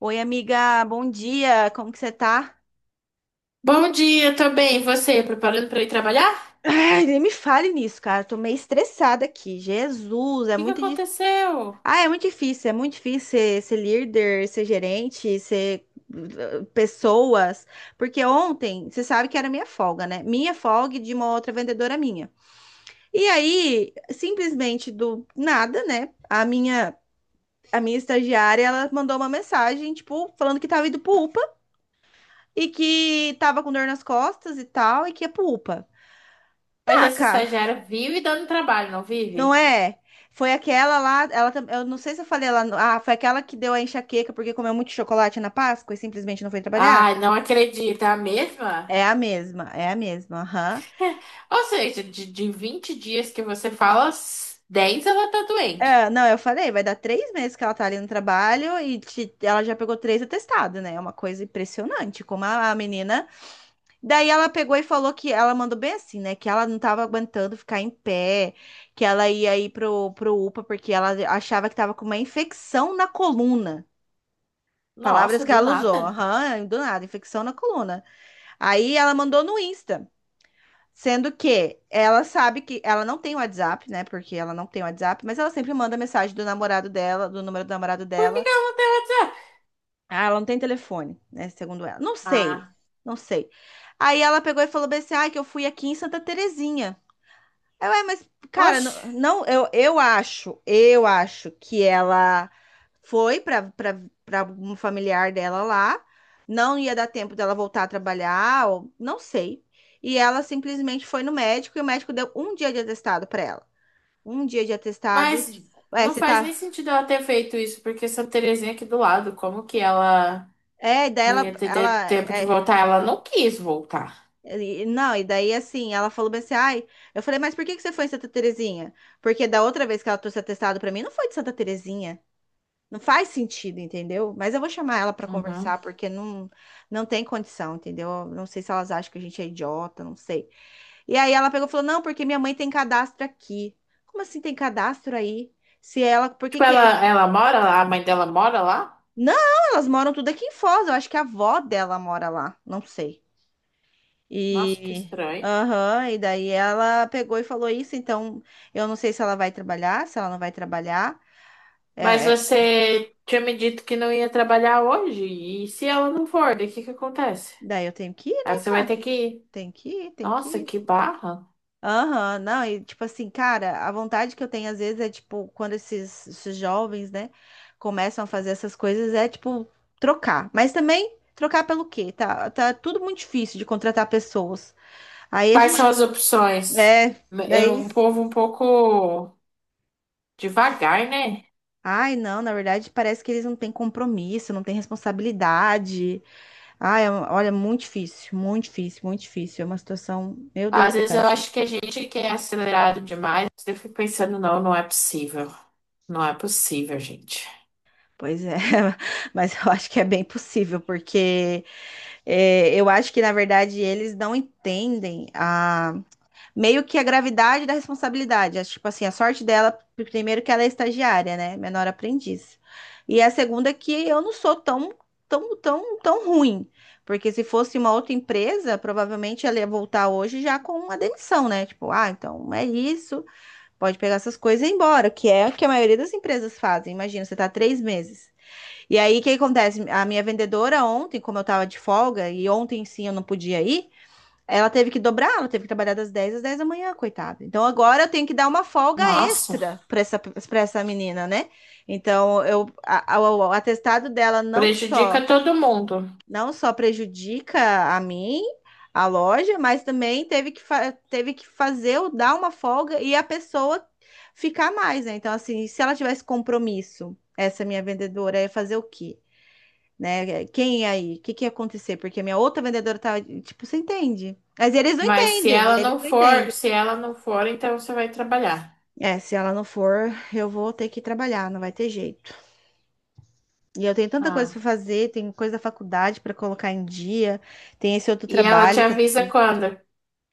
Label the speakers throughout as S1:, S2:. S1: Oi, amiga, bom dia, como que você tá?
S2: Bom dia também, você preparando para ir trabalhar? O
S1: Ai, nem me fale nisso, cara, tô meio estressada aqui. Jesus, é
S2: que que
S1: muito difícil.
S2: aconteceu?
S1: Ah, é muito difícil ser, ser líder, ser gerente, ser pessoas. Porque ontem, você sabe que era minha folga, né? Minha folga e de uma outra vendedora minha. E aí, simplesmente do nada, né? A minha estagiária, ela mandou uma mensagem, tipo, falando que tava indo pro UPA e que tava com dor nas costas e tal, e que ia pro UPA.
S2: Mas
S1: Tá,
S2: essa
S1: cara,
S2: estagiária vive dando trabalho, não
S1: não
S2: vive?
S1: é? Foi aquela lá, ela, eu não sei se eu falei lá, ah, foi aquela que deu a enxaqueca porque comeu muito chocolate na Páscoa e simplesmente não foi trabalhar?
S2: Ai, não acredito, é a mesma?
S1: É a mesma, aham.
S2: Ou seja, de 20 dias que você fala, 10 ela tá doente.
S1: É, não, eu falei, vai dar 3 meses que ela tá ali no trabalho e ela já pegou 3 atestados, né? É uma coisa impressionante, como a menina. Daí ela pegou e falou que ela mandou bem assim, né? Que ela não tava aguentando ficar em pé, que ela ia ir pro, pro UPA porque ela achava que tava com uma infecção na coluna. Palavras
S2: Nossa,
S1: que
S2: do
S1: ela usou,
S2: nada.
S1: aham, do nada, infecção na coluna. Aí ela mandou no Insta, sendo que ela sabe que ela não tem WhatsApp, né? Porque ela não tem WhatsApp, mas ela sempre manda mensagem do namorado dela, do número do namorado
S2: Por que
S1: dela.
S2: que ela não tem WhatsApp?
S1: Ah, ela não tem telefone, né? Segundo ela. Não sei,
S2: Ah,
S1: não sei. Aí ela pegou e falou bem assim: ai, que eu fui aqui em Santa Terezinha. É, ué, mas, cara,
S2: oxe,
S1: não, não, eu acho que ela foi para um familiar dela lá, não ia dar tempo dela voltar a trabalhar, ou, não sei. E ela simplesmente foi no médico e o médico deu um dia de atestado para ela. Um dia de atestado.
S2: mas
S1: Ué,
S2: não
S1: você
S2: faz nem
S1: tá.
S2: sentido ela ter feito isso, porque Santa Terezinha é aqui do lado, como que ela
S1: É, e daí
S2: não ia ter
S1: ela,
S2: ter tempo de voltar? Ela não quis voltar.
S1: não, e daí assim, ela falou bem assim, ai, eu falei, mas por que que você foi em Santa Terezinha? Porque da outra vez que ela trouxe atestado para mim, não foi de Santa Terezinha. Não faz sentido, entendeu? Mas eu vou chamar ela pra conversar,
S2: Uhum.
S1: porque não, não tem condição, entendeu? Não sei se elas acham que a gente é idiota, não sei. E aí ela pegou e falou: Não, porque minha mãe tem cadastro aqui. Como assim tem cadastro aí? Se ela. Por que
S2: Tipo,
S1: que.
S2: ela,
S1: É-
S2: ela mora lá, a mãe dela mora lá?
S1: Não, elas moram tudo aqui em Foz. Eu acho que a avó dela mora lá. Não sei.
S2: Nossa, que
S1: E.
S2: estranho.
S1: Aham, e daí ela pegou e falou isso. Então eu não sei se ela vai trabalhar, se ela não vai trabalhar. É,
S2: Mas
S1: é-
S2: você tinha me dito que não ia trabalhar hoje. E se ela não for, daí o que que acontece?
S1: Daí eu tenho que ir,
S2: Aí
S1: né,
S2: você vai
S1: cara?
S2: ter que ir.
S1: Tem que ir, tem que
S2: Nossa,
S1: ir.
S2: que barra.
S1: Aham, não, e tipo assim, cara, a vontade que eu tenho às vezes é tipo, quando esses jovens, né, começam a fazer essas coisas, é tipo, trocar. Mas também, trocar pelo quê? Tá, tá tudo muito difícil de contratar pessoas. Aí a
S2: Quais
S1: gente,
S2: são as opções?
S1: é,
S2: É
S1: daí,
S2: um povo um pouco devagar, né?
S1: ai não, na verdade parece que eles não têm compromisso, não têm responsabilidade. Ai, olha, muito difícil, muito difícil, muito difícil. É uma situação, meu Deus
S2: Às
S1: do
S2: vezes eu
S1: céu.
S2: acho que a gente que é acelerado demais, eu fico pensando, não, não é possível. Não é possível, gente.
S1: Pois é, mas eu acho que é bem possível, porque. É, eu acho que, na verdade, eles não entendem a meio que a gravidade da responsabilidade. Acho, tipo assim, a sorte dela, primeiro que ela é estagiária, né? Menor aprendiz. E a segunda é que eu não sou tão, tão, tão, tão ruim. Porque se fosse uma outra empresa, provavelmente ela ia voltar hoje já com uma demissão, né? Tipo, ah, então é isso, pode pegar essas coisas e ir embora, que é o que a maioria das empresas fazem. Imagina, você tá 3 meses. E aí, o que acontece? A minha vendedora ontem, como eu tava de folga, e ontem sim eu não podia ir, ela teve que dobrar, ela teve que trabalhar das 10 às 10 da manhã, coitada. Então agora eu tenho que dar uma folga
S2: Nossa,
S1: extra para para essa menina, né? Então o atestado dela
S2: prejudica todo mundo.
S1: não só prejudica a mim, a loja, mas também teve que, teve que fazer eu dar uma folga e a pessoa ficar mais, né? Então, assim, se ela tivesse compromisso, essa minha vendedora ia fazer o quê? Né? Quem é aí? O que que ia acontecer? Porque a minha outra vendedora tava, tipo, você entende? Mas eles não
S2: Mas se
S1: entendem,
S2: ela
S1: eles
S2: não
S1: não
S2: for,
S1: entendem.
S2: se ela não for, então você vai trabalhar.
S1: É, se ela não for, eu vou ter que trabalhar, não vai ter jeito. E eu tenho tanta coisa
S2: Ah.
S1: para fazer, tem coisa da faculdade para colocar em dia, tem esse outro
S2: E ela te
S1: trabalho que eu
S2: avisa
S1: preciso.
S2: quando?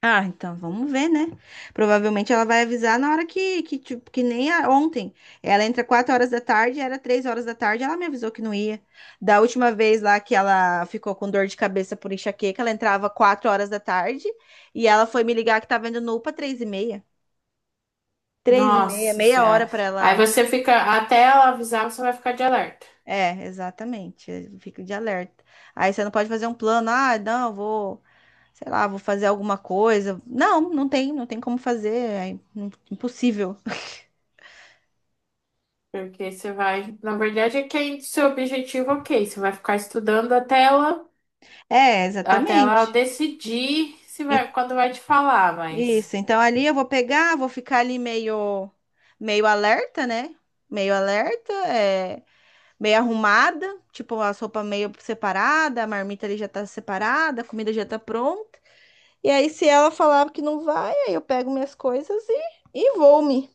S1: Ah, então vamos ver, né? Provavelmente ela vai avisar na hora que tipo, que nem ontem. Ela entra 4 horas da tarde, era 3 horas da tarde, ela me avisou que não ia. Da última vez lá que ela ficou com dor de cabeça por enxaqueca, ela entrava 4 horas da tarde e ela foi me ligar que tava indo no UPA 3 e meia. 3 e meia,
S2: Nossa
S1: meia hora
S2: Senhora.
S1: pra
S2: Aí
S1: ela.
S2: você fica, até ela avisar, você vai ficar de alerta.
S1: É, exatamente. Fica de alerta. Aí você não pode fazer um plano, ah, não, eu vou, sei lá, vou fazer alguma coisa. Não, não tem, não tem como fazer, é impossível.
S2: Porque você vai, na verdade, é que é seu objetivo, ok. Você vai ficar estudando
S1: É,
S2: até ela
S1: exatamente.
S2: decidir se
S1: E-
S2: vai, quando vai te falar, mas.
S1: Isso. Então ali eu vou pegar, vou ficar ali meio, meio alerta, né? Meio alerta, é, meio arrumada, tipo a sopa meio separada, a marmita ali já tá separada, a comida já tá pronta. E aí se ela falar que não vai, aí eu pego minhas coisas e vou-me.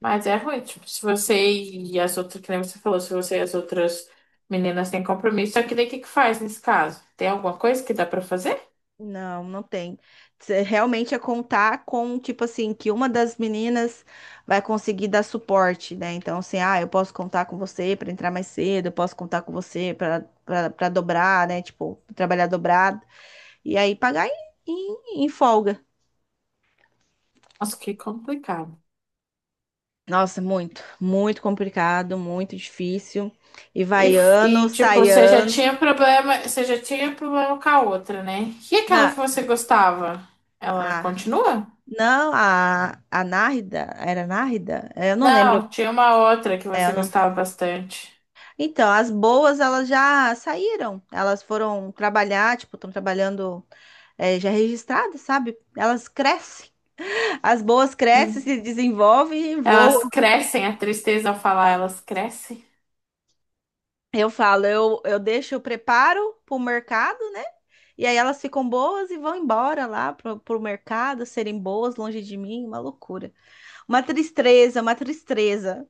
S2: Mas é ruim, tipo, se você e as outras, que nem você falou, se você e as outras meninas têm compromisso, só que daí o que que faz nesse caso? Tem alguma coisa que dá pra fazer?
S1: Não, não tem. Cê Realmente é contar com, tipo assim, que uma das meninas vai conseguir dar suporte, né? Então, assim, ah, eu posso contar com você para entrar mais cedo, eu posso contar com você para dobrar, né? Tipo, trabalhar dobrado. E aí pagar em folga.
S2: Nossa, que complicado.
S1: Nossa, muito, muito complicado, muito difícil. E
S2: E,
S1: vai
S2: f-
S1: ano,
S2: e, tipo,
S1: sai
S2: você já tinha
S1: ano.
S2: problema, você já tinha problema com a outra, né? E aquela que
S1: Na,
S2: você gostava? Ela
S1: a,
S2: continua?
S1: não, a Nárida, era Nárida? É, Eu não lembro.
S2: Não, tinha uma outra que
S1: É, eu
S2: você
S1: não-
S2: gostava bastante.
S1: Então, as boas, elas já saíram. Elas foram trabalhar, tipo, estão trabalhando é, já registradas, sabe? Elas crescem. As boas crescem,
S2: Hum.
S1: se desenvolvem e voam.
S2: Elas crescem, a tristeza ao falar, elas crescem.
S1: Eu falo, eu deixo, eu preparo para o mercado, né? E aí elas ficam boas e vão embora lá pro, pro mercado, serem boas longe de mim, uma loucura. Uma tristeza,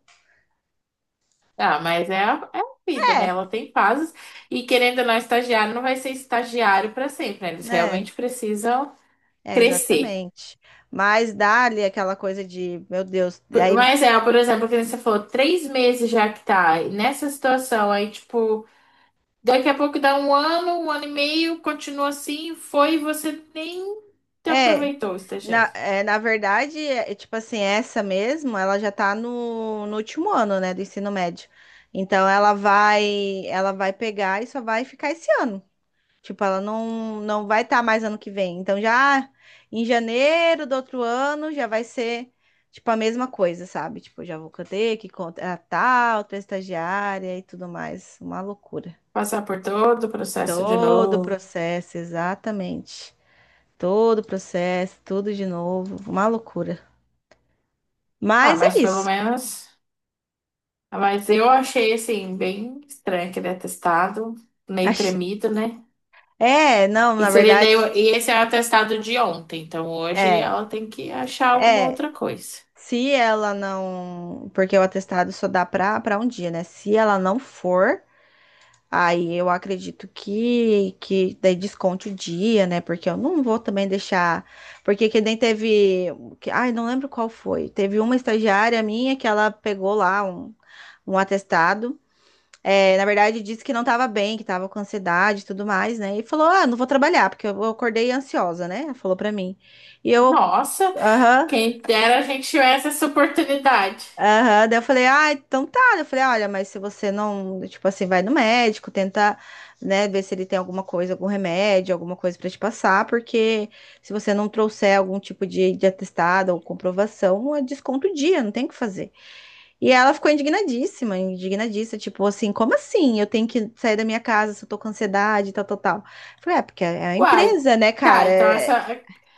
S2: Ah, mas é a, é a vida, né? Ela tem fases. E querendo ou não, estagiário não vai ser estagiário para sempre, né? Eles
S1: né?
S2: realmente precisam
S1: É,
S2: crescer.
S1: exatamente. Mas dá-lhe aquela coisa de, meu Deus,
S2: Por-
S1: aí
S2: Mas é, por exemplo, que nem você falou, 3 meses já que tá nessa situação, aí, tipo, daqui a pouco dá um ano e meio, continua assim, foi, e você nem te
S1: É,
S2: aproveitou o estagiário.
S1: na verdade, tipo assim, essa mesmo, ela já tá no, no último ano, né, do ensino médio. Então ela vai pegar e só vai ficar esse ano. Tipo, ela não, não vai estar mais ano que vem. Então já em janeiro do outro ano já vai ser tipo a mesma coisa, sabe? Tipo, já vou ter que contratar outra estagiária e tudo mais. Uma loucura.
S2: Passar por todo o processo de
S1: Todo o
S2: novo.
S1: processo, exatamente. Todo o processo, tudo de novo, uma loucura.
S2: Ah,
S1: Mas é
S2: mas pelo
S1: isso.
S2: menos. Mas eu achei assim, bem estranho aquele atestado, meio
S1: Acho-
S2: tremido, né?
S1: É, não,
S2: E
S1: na
S2: seria
S1: verdade,
S2: daí, e esse é o atestado de ontem, então hoje
S1: é,
S2: ela tem que achar alguma
S1: é.
S2: outra coisa.
S1: Se ela não, porque o atestado só dá para um dia, né? Se ela não for, aí eu acredito que daí desconte o dia, né? Porque eu não vou também deixar, porque que nem teve, que, ai, não lembro qual foi. Teve uma estagiária minha que ela pegou lá um atestado É, na verdade, disse que não estava bem, que estava com ansiedade e tudo mais, né? E falou: Ah, não vou trabalhar, porque eu acordei ansiosa, né? Falou pra mim. E eu,
S2: Nossa,
S1: aham,
S2: quem dera a gente tivesse essa oportunidade.
S1: aham. Daí eu falei: Ah, então tá. Eu falei: Olha, mas se você não, tipo assim, vai no médico, tenta, né, ver se ele tem alguma coisa, algum remédio, alguma coisa pra te passar, porque se você não trouxer algum tipo de atestado ou comprovação, é desconto o dia, não tem o que fazer. E ela ficou indignadíssima, indignadíssima, tipo assim, como assim? Eu tenho que sair da minha casa se eu tô com ansiedade, tal, tal, tal. Eu Falei, é, porque é a
S2: Uai,
S1: empresa, né,
S2: tá,
S1: cara?
S2: então essa.
S1: É-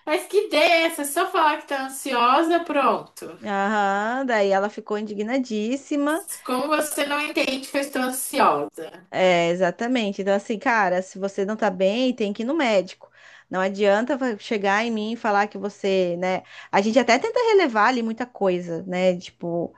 S2: Mas que ideia é essa? Só falar que tá ansiosa, pronto.
S1: Aham, daí ela ficou indignadíssima.
S2: Como você não entende que eu estou ansiosa?
S1: É, exatamente. Então, assim, cara, se você não tá bem, tem que ir no médico. Não adianta chegar em mim e falar que você, né? A gente até tenta relevar ali muita coisa, né? Tipo,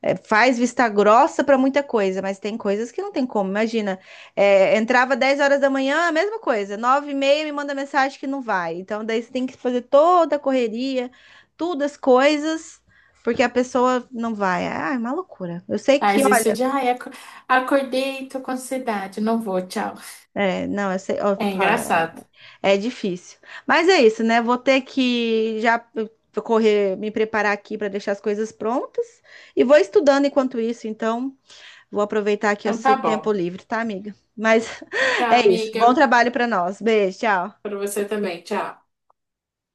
S1: é, faz vista grossa para muita coisa, mas tem coisas que não tem como. Imagina, é, entrava 10 horas da manhã, a mesma coisa, 9 e meia me manda mensagem que não vai. Então, daí você tem que fazer toda a correria, todas as coisas, porque a pessoa não vai. Ah, é uma loucura. Eu sei que,
S2: Mas isso
S1: olha,
S2: de, ai, acordei, tô com ansiedade, não vou, tchau.
S1: é, não, eu sei, ó,
S2: É
S1: fala,
S2: engraçado.
S1: é difícil. Mas é isso, né? Vou ter que já correr, me preparar aqui para deixar as coisas prontas e vou estudando enquanto isso, então. Vou aproveitar aqui
S2: Então
S1: esse
S2: tá
S1: tempo
S2: bom.
S1: livre, tá, amiga? Mas
S2: Tchau,
S1: é isso.
S2: amiga.
S1: Bom trabalho para nós. Beijo, tchau.
S2: Para você também. Tchau.